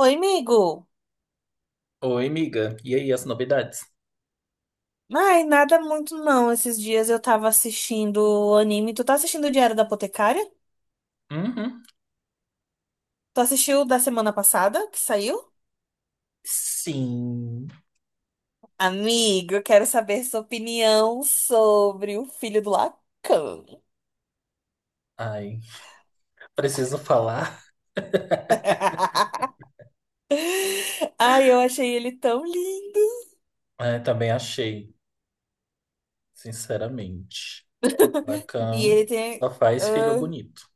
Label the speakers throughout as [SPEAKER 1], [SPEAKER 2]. [SPEAKER 1] Oi, amigo.
[SPEAKER 2] Oi, amiga. E aí, as novidades?
[SPEAKER 1] Ai, nada muito não. Esses dias eu tava assistindo anime. Tu tá assistindo o Diário da Apotecária?
[SPEAKER 2] Uhum.
[SPEAKER 1] Tu assistiu o da semana passada que saiu?
[SPEAKER 2] Sim.
[SPEAKER 1] Amigo, eu quero saber sua opinião sobre o filho do Lacan.
[SPEAKER 2] Ai, preciso falar.
[SPEAKER 1] Ai, eu achei ele tão lindo.
[SPEAKER 2] É, também achei, sinceramente.
[SPEAKER 1] E
[SPEAKER 2] Lacan
[SPEAKER 1] ele
[SPEAKER 2] só
[SPEAKER 1] tem.
[SPEAKER 2] faz filho
[SPEAKER 1] Ah,
[SPEAKER 2] bonito.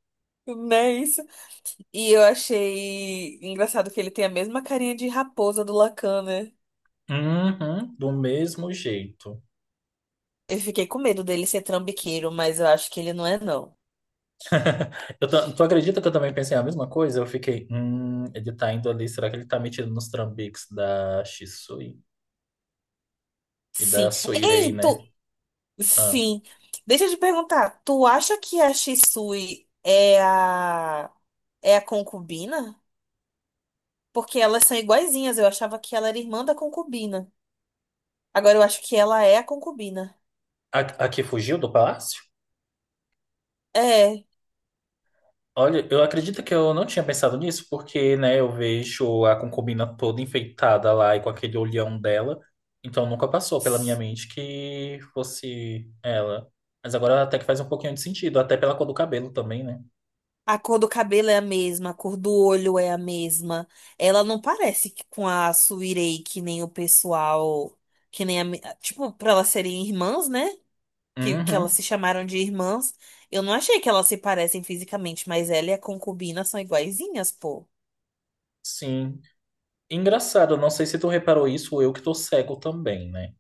[SPEAKER 1] não é isso? E eu achei engraçado que ele tem a mesma carinha de raposa do Lacan, né?
[SPEAKER 2] Uhum, do mesmo jeito.
[SPEAKER 1] Eu fiquei com medo dele ser trambiqueiro, mas eu acho que ele não é, não.
[SPEAKER 2] Tu acredita que eu também pensei a mesma coisa? Eu fiquei, ele tá indo ali, será que ele tá metido nos trambiques da Shisui e
[SPEAKER 1] Sim.
[SPEAKER 2] da Suirei,
[SPEAKER 1] Ei,
[SPEAKER 2] né?
[SPEAKER 1] tu.
[SPEAKER 2] Ah,
[SPEAKER 1] Sim. Deixa eu te perguntar, tu acha que a Shisui é a concubina? Porque elas são iguaizinhas. Eu achava que ela era irmã da concubina. Agora eu acho que ela é a concubina.
[SPEAKER 2] a, a que fugiu do palácio?
[SPEAKER 1] É.
[SPEAKER 2] Olha, eu acredito que eu não tinha pensado nisso, porque, né, eu vejo a concubina toda enfeitada lá e com aquele olhão dela, então nunca passou pela minha mente que fosse ela. Mas agora até que faz um pouquinho de sentido, até pela cor do cabelo também, né?
[SPEAKER 1] A cor do cabelo é a mesma, a cor do olho é a mesma. Ela não parece com a Suirei, que nem o pessoal, que nem tipo, pra elas serem irmãs, né? Que elas
[SPEAKER 2] Uhum,
[SPEAKER 1] se chamaram de irmãs, eu não achei que elas se parecem fisicamente, mas ela e a concubina são iguaizinhas, pô.
[SPEAKER 2] sim. Engraçado, não sei se tu reparou isso ou eu que tô cego também, né?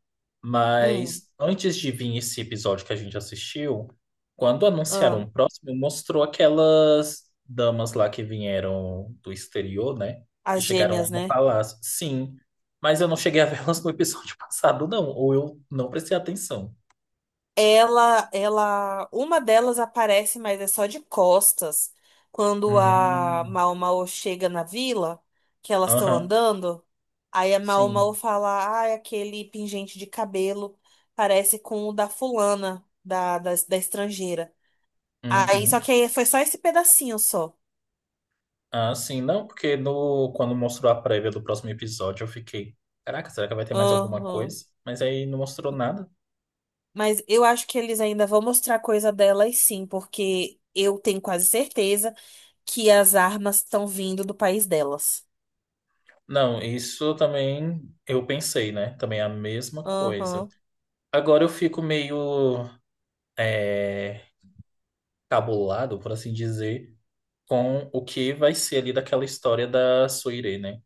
[SPEAKER 1] Hum,
[SPEAKER 2] Mas antes de vir esse episódio que a gente assistiu, quando anunciaram
[SPEAKER 1] Ah,
[SPEAKER 2] o próximo, mostrou aquelas damas lá que vieram do exterior, né? Que
[SPEAKER 1] as
[SPEAKER 2] chegaram lá
[SPEAKER 1] gêmeas,
[SPEAKER 2] no
[SPEAKER 1] né?
[SPEAKER 2] palácio. Sim, mas eu não cheguei a vê-las no episódio passado, não. Ou eu não prestei atenção.
[SPEAKER 1] Uma delas aparece, mas é só de costas. Quando a
[SPEAKER 2] Hum,
[SPEAKER 1] Mao Mao chega na vila, que elas estão
[SPEAKER 2] aham,
[SPEAKER 1] andando, aí a Mao Mao
[SPEAKER 2] sim.
[SPEAKER 1] fala, ah, aquele pingente de cabelo parece com o da fulana, da estrangeira. Aí, só
[SPEAKER 2] Uhum.
[SPEAKER 1] que aí foi só esse pedacinho só.
[SPEAKER 2] Ah, sim, não, porque no, quando mostrou a prévia do próximo episódio, eu fiquei, caraca, será que vai ter mais alguma
[SPEAKER 1] Aham.
[SPEAKER 2] coisa? Mas aí não mostrou nada.
[SPEAKER 1] Mas eu acho que eles ainda vão mostrar coisa delas sim, porque eu tenho quase certeza que as armas estão vindo do país delas.
[SPEAKER 2] Não, isso também eu pensei, né? Também é a mesma coisa.
[SPEAKER 1] Aham,
[SPEAKER 2] Agora eu fico meio é, cabulado, por assim dizer, com o que vai ser ali daquela história da Suire, né?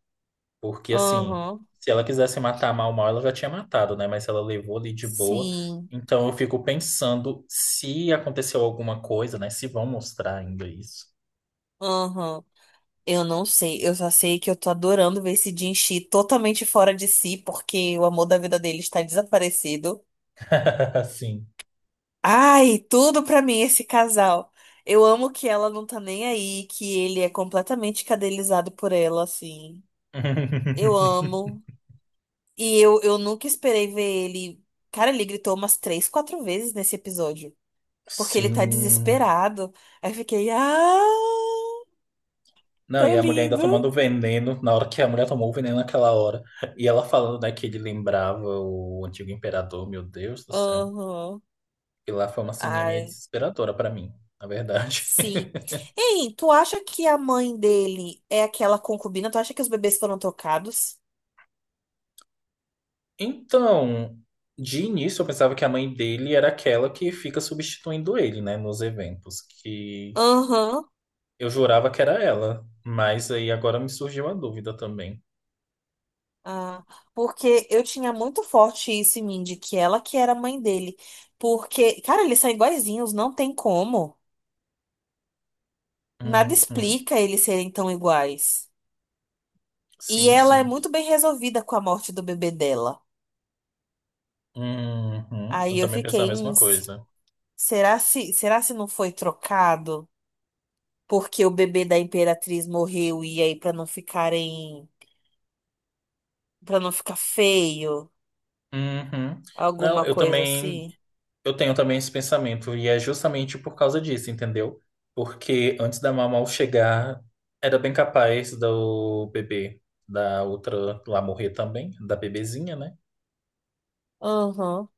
[SPEAKER 2] Porque, assim,
[SPEAKER 1] aham,
[SPEAKER 2] se ela quisesse matar mal, mal, ela já tinha matado, né? Mas ela levou ali de boa.
[SPEAKER 1] sim,
[SPEAKER 2] Então, eu fico pensando se aconteceu alguma coisa, né? Se vão mostrar ainda isso.
[SPEAKER 1] aham. Eu não sei, eu só sei que eu tô adorando ver esse Jinxi totalmente fora de si, porque o amor da vida dele está desaparecido.
[SPEAKER 2] Sim.
[SPEAKER 1] Ai, tudo pra mim esse casal. Eu amo que ela não tá nem aí, que ele é completamente cadelizado por ela, assim. Eu amo. E eu nunca esperei ver ele. Cara, ele gritou umas três, quatro vezes nesse episódio. Porque ele tá
[SPEAKER 2] Sim.
[SPEAKER 1] desesperado. Aí eu fiquei, ah,
[SPEAKER 2] Não, e
[SPEAKER 1] tão
[SPEAKER 2] a mulher ainda
[SPEAKER 1] lindo.
[SPEAKER 2] tomando veneno, na hora que a mulher tomou o veneno naquela hora. E ela falando, né, que ele lembrava o antigo imperador, meu Deus do céu.
[SPEAKER 1] Aham.
[SPEAKER 2] E lá foi uma ceninha meio
[SPEAKER 1] Ai,
[SPEAKER 2] desesperadora pra mim, na verdade.
[SPEAKER 1] sim. Ei, tu acha que a mãe dele é aquela concubina? Tu acha que os bebês foram trocados?
[SPEAKER 2] Então, de início eu pensava que a mãe dele era aquela que fica substituindo ele, né, nos eventos, que
[SPEAKER 1] Aham.
[SPEAKER 2] eu jurava que era ela, mas aí agora me surgiu a dúvida também.
[SPEAKER 1] Ah, porque eu tinha muito forte isso em mim, de que ela que era a mãe dele. Porque, cara, eles são iguaizinhos, não tem como. Nada
[SPEAKER 2] Uhum.
[SPEAKER 1] explica eles serem tão iguais. E
[SPEAKER 2] Sim,
[SPEAKER 1] ela é
[SPEAKER 2] sim.
[SPEAKER 1] muito bem resolvida com a morte do bebê dela.
[SPEAKER 2] Uhum. Eu
[SPEAKER 1] Aí eu
[SPEAKER 2] também pensava a
[SPEAKER 1] fiquei,
[SPEAKER 2] mesma coisa.
[SPEAKER 1] será se não foi trocado? Porque o bebê da Imperatriz morreu e aí para não ficarem, para não ficar feio,
[SPEAKER 2] Uhum. Não,
[SPEAKER 1] alguma
[SPEAKER 2] eu
[SPEAKER 1] coisa
[SPEAKER 2] também,
[SPEAKER 1] assim.
[SPEAKER 2] eu tenho também esse pensamento, e é justamente por causa disso, entendeu? Porque antes da Mamau chegar, era bem capaz do bebê da outra lá morrer também, da bebezinha, né?
[SPEAKER 1] Aham.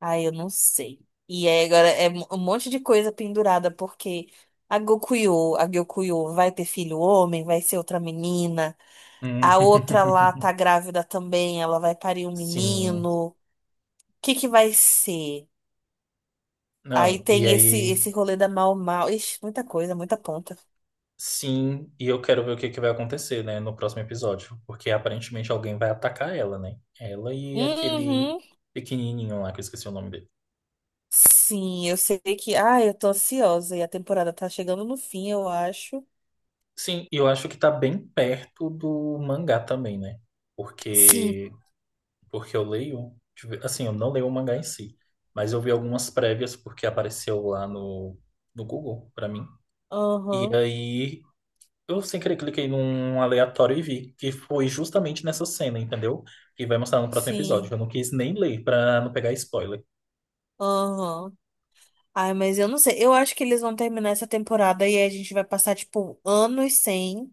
[SPEAKER 1] Aí eu não sei. E aí agora é um monte de coisa pendurada porque a Gyokuyo vai ter filho homem, vai ser outra menina.
[SPEAKER 2] Hum,
[SPEAKER 1] A outra lá tá grávida também, ela vai parir um
[SPEAKER 2] Sim.
[SPEAKER 1] menino. Que vai ser? Aí
[SPEAKER 2] Não, e
[SPEAKER 1] tem esse
[SPEAKER 2] aí,
[SPEAKER 1] esse rolê da Mau Mau. Ixi, muita coisa, muita ponta.
[SPEAKER 2] sim, e eu quero ver o que que vai acontecer, né, no próximo episódio, porque aparentemente alguém vai atacar ela, né? Ela e aquele
[SPEAKER 1] Uhum.
[SPEAKER 2] pequenininho lá, que eu esqueci o nome dele.
[SPEAKER 1] Sim, eu sei que. Ah, eu tô ansiosa e a temporada tá chegando no fim, eu acho.
[SPEAKER 2] Sim, e eu acho que tá bem perto do mangá também, né?
[SPEAKER 1] Sim.
[SPEAKER 2] Porque porque eu leio, deixa eu ver, assim, eu não leio o mangá em si, mas eu vi algumas prévias porque apareceu lá no Google pra mim. E
[SPEAKER 1] Aham.
[SPEAKER 2] aí eu sem querer cliquei num aleatório e vi que foi justamente nessa cena, entendeu? Que vai mostrar no próximo episódio. Eu
[SPEAKER 1] Sim.
[SPEAKER 2] não quis nem ler pra não pegar spoiler.
[SPEAKER 1] Aham. Ai, mas eu não sei. Eu acho que eles vão terminar essa temporada e aí a gente vai passar, tipo, anos sem,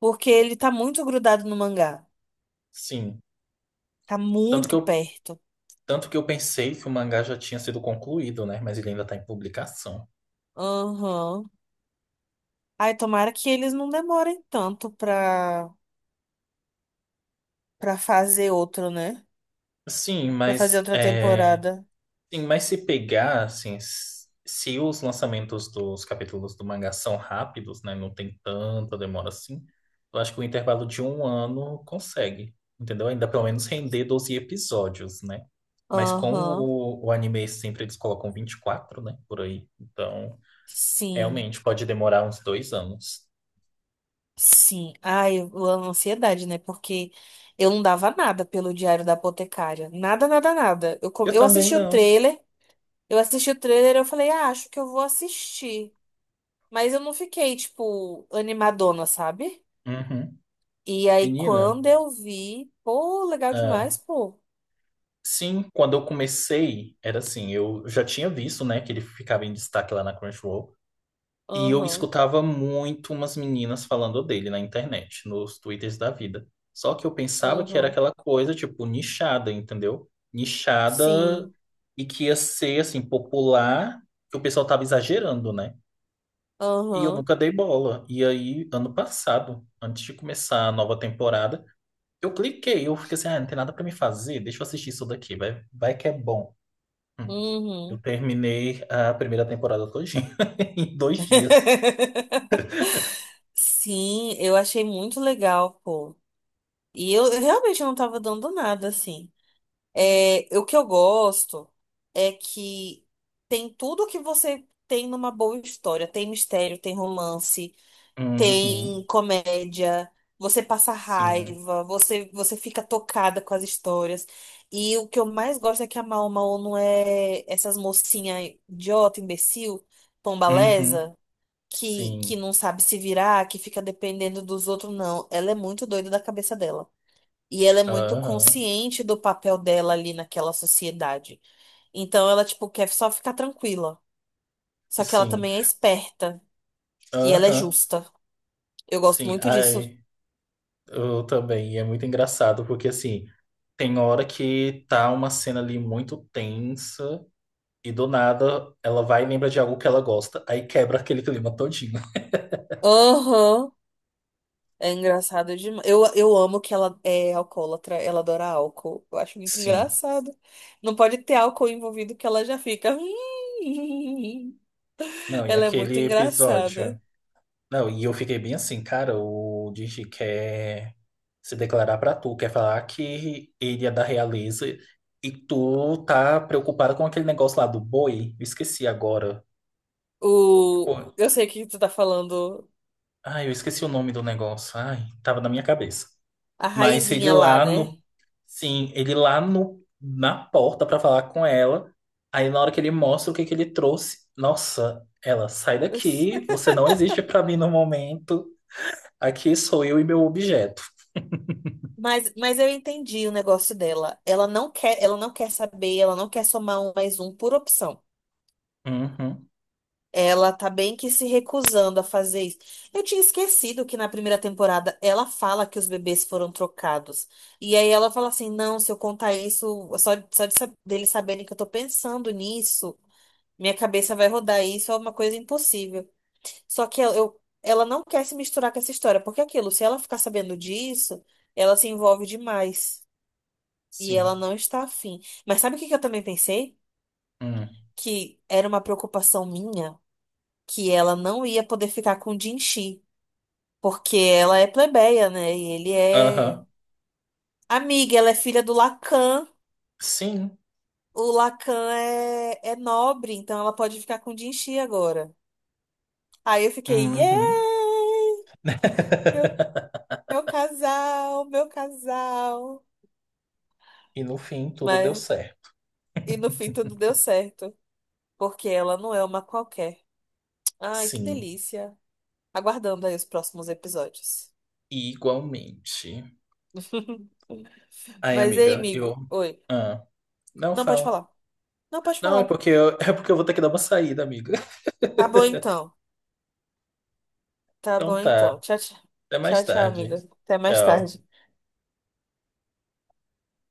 [SPEAKER 1] porque ele tá muito grudado no mangá.
[SPEAKER 2] Sim.
[SPEAKER 1] Tá
[SPEAKER 2] Tanto que
[SPEAKER 1] muito
[SPEAKER 2] eu,
[SPEAKER 1] perto.
[SPEAKER 2] tanto que eu pensei que o mangá já tinha sido concluído, né? Mas ele ainda tá em publicação.
[SPEAKER 1] Aham. Ai, tomara que eles não demorem tanto pra. Pra fazer outro, né?
[SPEAKER 2] Sim,
[SPEAKER 1] Pra fazer
[SPEAKER 2] mas
[SPEAKER 1] outra
[SPEAKER 2] é,
[SPEAKER 1] temporada.
[SPEAKER 2] sim, mas se pegar, assim, se os lançamentos dos capítulos do mangá são rápidos, né, não tem tanta demora assim, eu acho que o intervalo de um ano consegue, entendeu? Ainda pelo menos render 12 episódios, né? Mas com
[SPEAKER 1] Aham,
[SPEAKER 2] o anime sempre eles colocam 24 né, por aí. Então,
[SPEAKER 1] sim,
[SPEAKER 2] realmente pode demorar uns 2 anos.
[SPEAKER 1] sim. Ai, a ansiedade, né? Porque eu não dava nada pelo Diário da Apotecária. Nada, nada, nada.
[SPEAKER 2] Eu
[SPEAKER 1] Eu
[SPEAKER 2] também
[SPEAKER 1] assisti o
[SPEAKER 2] não.
[SPEAKER 1] trailer, eu assisti o trailer, eu falei, ah, acho que eu vou assistir. Mas eu não fiquei, tipo, animadona, sabe?
[SPEAKER 2] Uhum.
[SPEAKER 1] E aí,
[SPEAKER 2] Menina,
[SPEAKER 1] quando eu vi, pô, legal
[SPEAKER 2] ah,
[SPEAKER 1] demais, pô.
[SPEAKER 2] sim, quando eu comecei, era assim, eu já tinha visto, né, que ele ficava em destaque lá na Crunchyroll. E eu
[SPEAKER 1] Aham,
[SPEAKER 2] escutava muito umas meninas falando dele na internet, nos twitters da vida. Só que eu pensava que era
[SPEAKER 1] aham,
[SPEAKER 2] aquela coisa, tipo, nichada, entendeu? Nichada
[SPEAKER 1] sim,
[SPEAKER 2] e que ia ser, assim, popular, que o pessoal tava exagerando, né? E eu
[SPEAKER 1] aham,
[SPEAKER 2] nunca dei bola. E aí, ano passado, antes de começar a nova temporada, eu fiquei assim, ah, não tem nada pra me fazer, deixa eu assistir isso daqui, vai, vai que é bom. Hum. Eu
[SPEAKER 1] uhum.
[SPEAKER 2] terminei a primeira temporada todinha em 2 dias.
[SPEAKER 1] Sim, eu achei muito legal, pô. E eu realmente não tava dando nada, assim. É, o que eu gosto é que tem tudo que você tem numa boa história. Tem mistério, tem romance,
[SPEAKER 2] Uhum.
[SPEAKER 1] tem comédia, você passa
[SPEAKER 2] Sim.
[SPEAKER 1] raiva, você fica tocada com as histórias. E o que eu mais gosto é que a Mau Mau não é essas mocinhas idiota, imbecil,
[SPEAKER 2] Uhum.
[SPEAKER 1] pombalesa que
[SPEAKER 2] Sim.
[SPEAKER 1] não sabe se virar, que fica dependendo dos outros, não. Ela é muito doida da cabeça dela. E ela é muito
[SPEAKER 2] Aham.
[SPEAKER 1] consciente do papel dela ali naquela sociedade. Então ela, tipo, quer só ficar tranquila. Só que ela
[SPEAKER 2] Sim.
[SPEAKER 1] também é esperta. E ela é
[SPEAKER 2] Aham.
[SPEAKER 1] justa. Eu gosto
[SPEAKER 2] Sim.
[SPEAKER 1] muito disso.
[SPEAKER 2] Ai, eu também. E é muito engraçado, porque assim, tem hora que tá uma cena ali muito tensa e do nada ela vai e lembra de algo que ela gosta, aí quebra aquele clima todinho.
[SPEAKER 1] Aham. É engraçado demais. Eu amo que ela é alcoólatra, ela adora álcool. Eu acho muito
[SPEAKER 2] Sim.
[SPEAKER 1] engraçado. Não pode ter álcool envolvido que ela já fica.
[SPEAKER 2] Não, e
[SPEAKER 1] Ela é muito
[SPEAKER 2] aquele
[SPEAKER 1] engraçada.
[SPEAKER 2] episódio? Não, e eu fiquei bem assim, cara, o Digi quer se declarar pra tu, quer falar que ele é da realeza e tu tá preocupada com aquele negócio lá do boi. Eu esqueci agora.
[SPEAKER 1] O...
[SPEAKER 2] Pô,
[SPEAKER 1] Eu sei que tu tá falando
[SPEAKER 2] ai, eu esqueci o nome do negócio. Ai, tava na minha cabeça.
[SPEAKER 1] a
[SPEAKER 2] Mas ele
[SPEAKER 1] raizinha lá,
[SPEAKER 2] lá
[SPEAKER 1] né?
[SPEAKER 2] no, sim, ele lá no, na porta pra falar com ela. Aí na hora que ele mostra o que que ele trouxe, nossa, ela, sai daqui, você não existe pra mim no momento. Aqui sou eu e meu objeto.
[SPEAKER 1] Mas eu entendi o negócio dela. Ela não quer saber, ela não quer somar um mais um por opção.
[SPEAKER 2] Uhum.
[SPEAKER 1] Ela tá bem que se recusando a fazer isso. Eu tinha esquecido que na primeira temporada ela fala que os bebês foram trocados. E aí ela fala assim: não, se eu contar isso, só, deles saberem que eu tô pensando nisso, minha cabeça vai rodar. Isso é uma coisa impossível. Só que ela não quer se misturar com essa história, porque é aquilo, se ela ficar sabendo disso, ela se envolve demais. E ela
[SPEAKER 2] Sim.
[SPEAKER 1] não está afim. Mas sabe o que que eu também pensei?
[SPEAKER 2] Hum.
[SPEAKER 1] Que era uma preocupação minha que ela não ia poder ficar com o Jinxi. Porque ela é plebeia, né? E ele é
[SPEAKER 2] Aham.
[SPEAKER 1] amiga, ela é filha do Lacan.
[SPEAKER 2] Sim.
[SPEAKER 1] O Lacan é nobre, então ela pode ficar com o Jinxi agora. Aí eu fiquei, yeah!
[SPEAKER 2] Uhum.
[SPEAKER 1] Meu, meu casal, meu casal.
[SPEAKER 2] E no fim, tudo deu
[SPEAKER 1] Mas
[SPEAKER 2] certo.
[SPEAKER 1] e no fim tudo deu certo, porque ela não é uma qualquer. Ai, que
[SPEAKER 2] Sim.
[SPEAKER 1] delícia. Aguardando aí os próximos episódios.
[SPEAKER 2] Igualmente. Ai,
[SPEAKER 1] Mas ei,
[SPEAKER 2] amiga, eu.
[SPEAKER 1] amigo. Oi.
[SPEAKER 2] Ah, não
[SPEAKER 1] Não pode
[SPEAKER 2] fala.
[SPEAKER 1] falar. Não pode
[SPEAKER 2] Não, é
[SPEAKER 1] falar.
[SPEAKER 2] porque eu... é porque eu vou ter que dar uma saída, amiga.
[SPEAKER 1] Tá bom então. Tá
[SPEAKER 2] Então
[SPEAKER 1] bom
[SPEAKER 2] tá.
[SPEAKER 1] então. Tchau, tchau.
[SPEAKER 2] Até mais
[SPEAKER 1] Tchau, tchau, amiga.
[SPEAKER 2] tarde.
[SPEAKER 1] Até mais
[SPEAKER 2] Tchau.
[SPEAKER 1] tarde.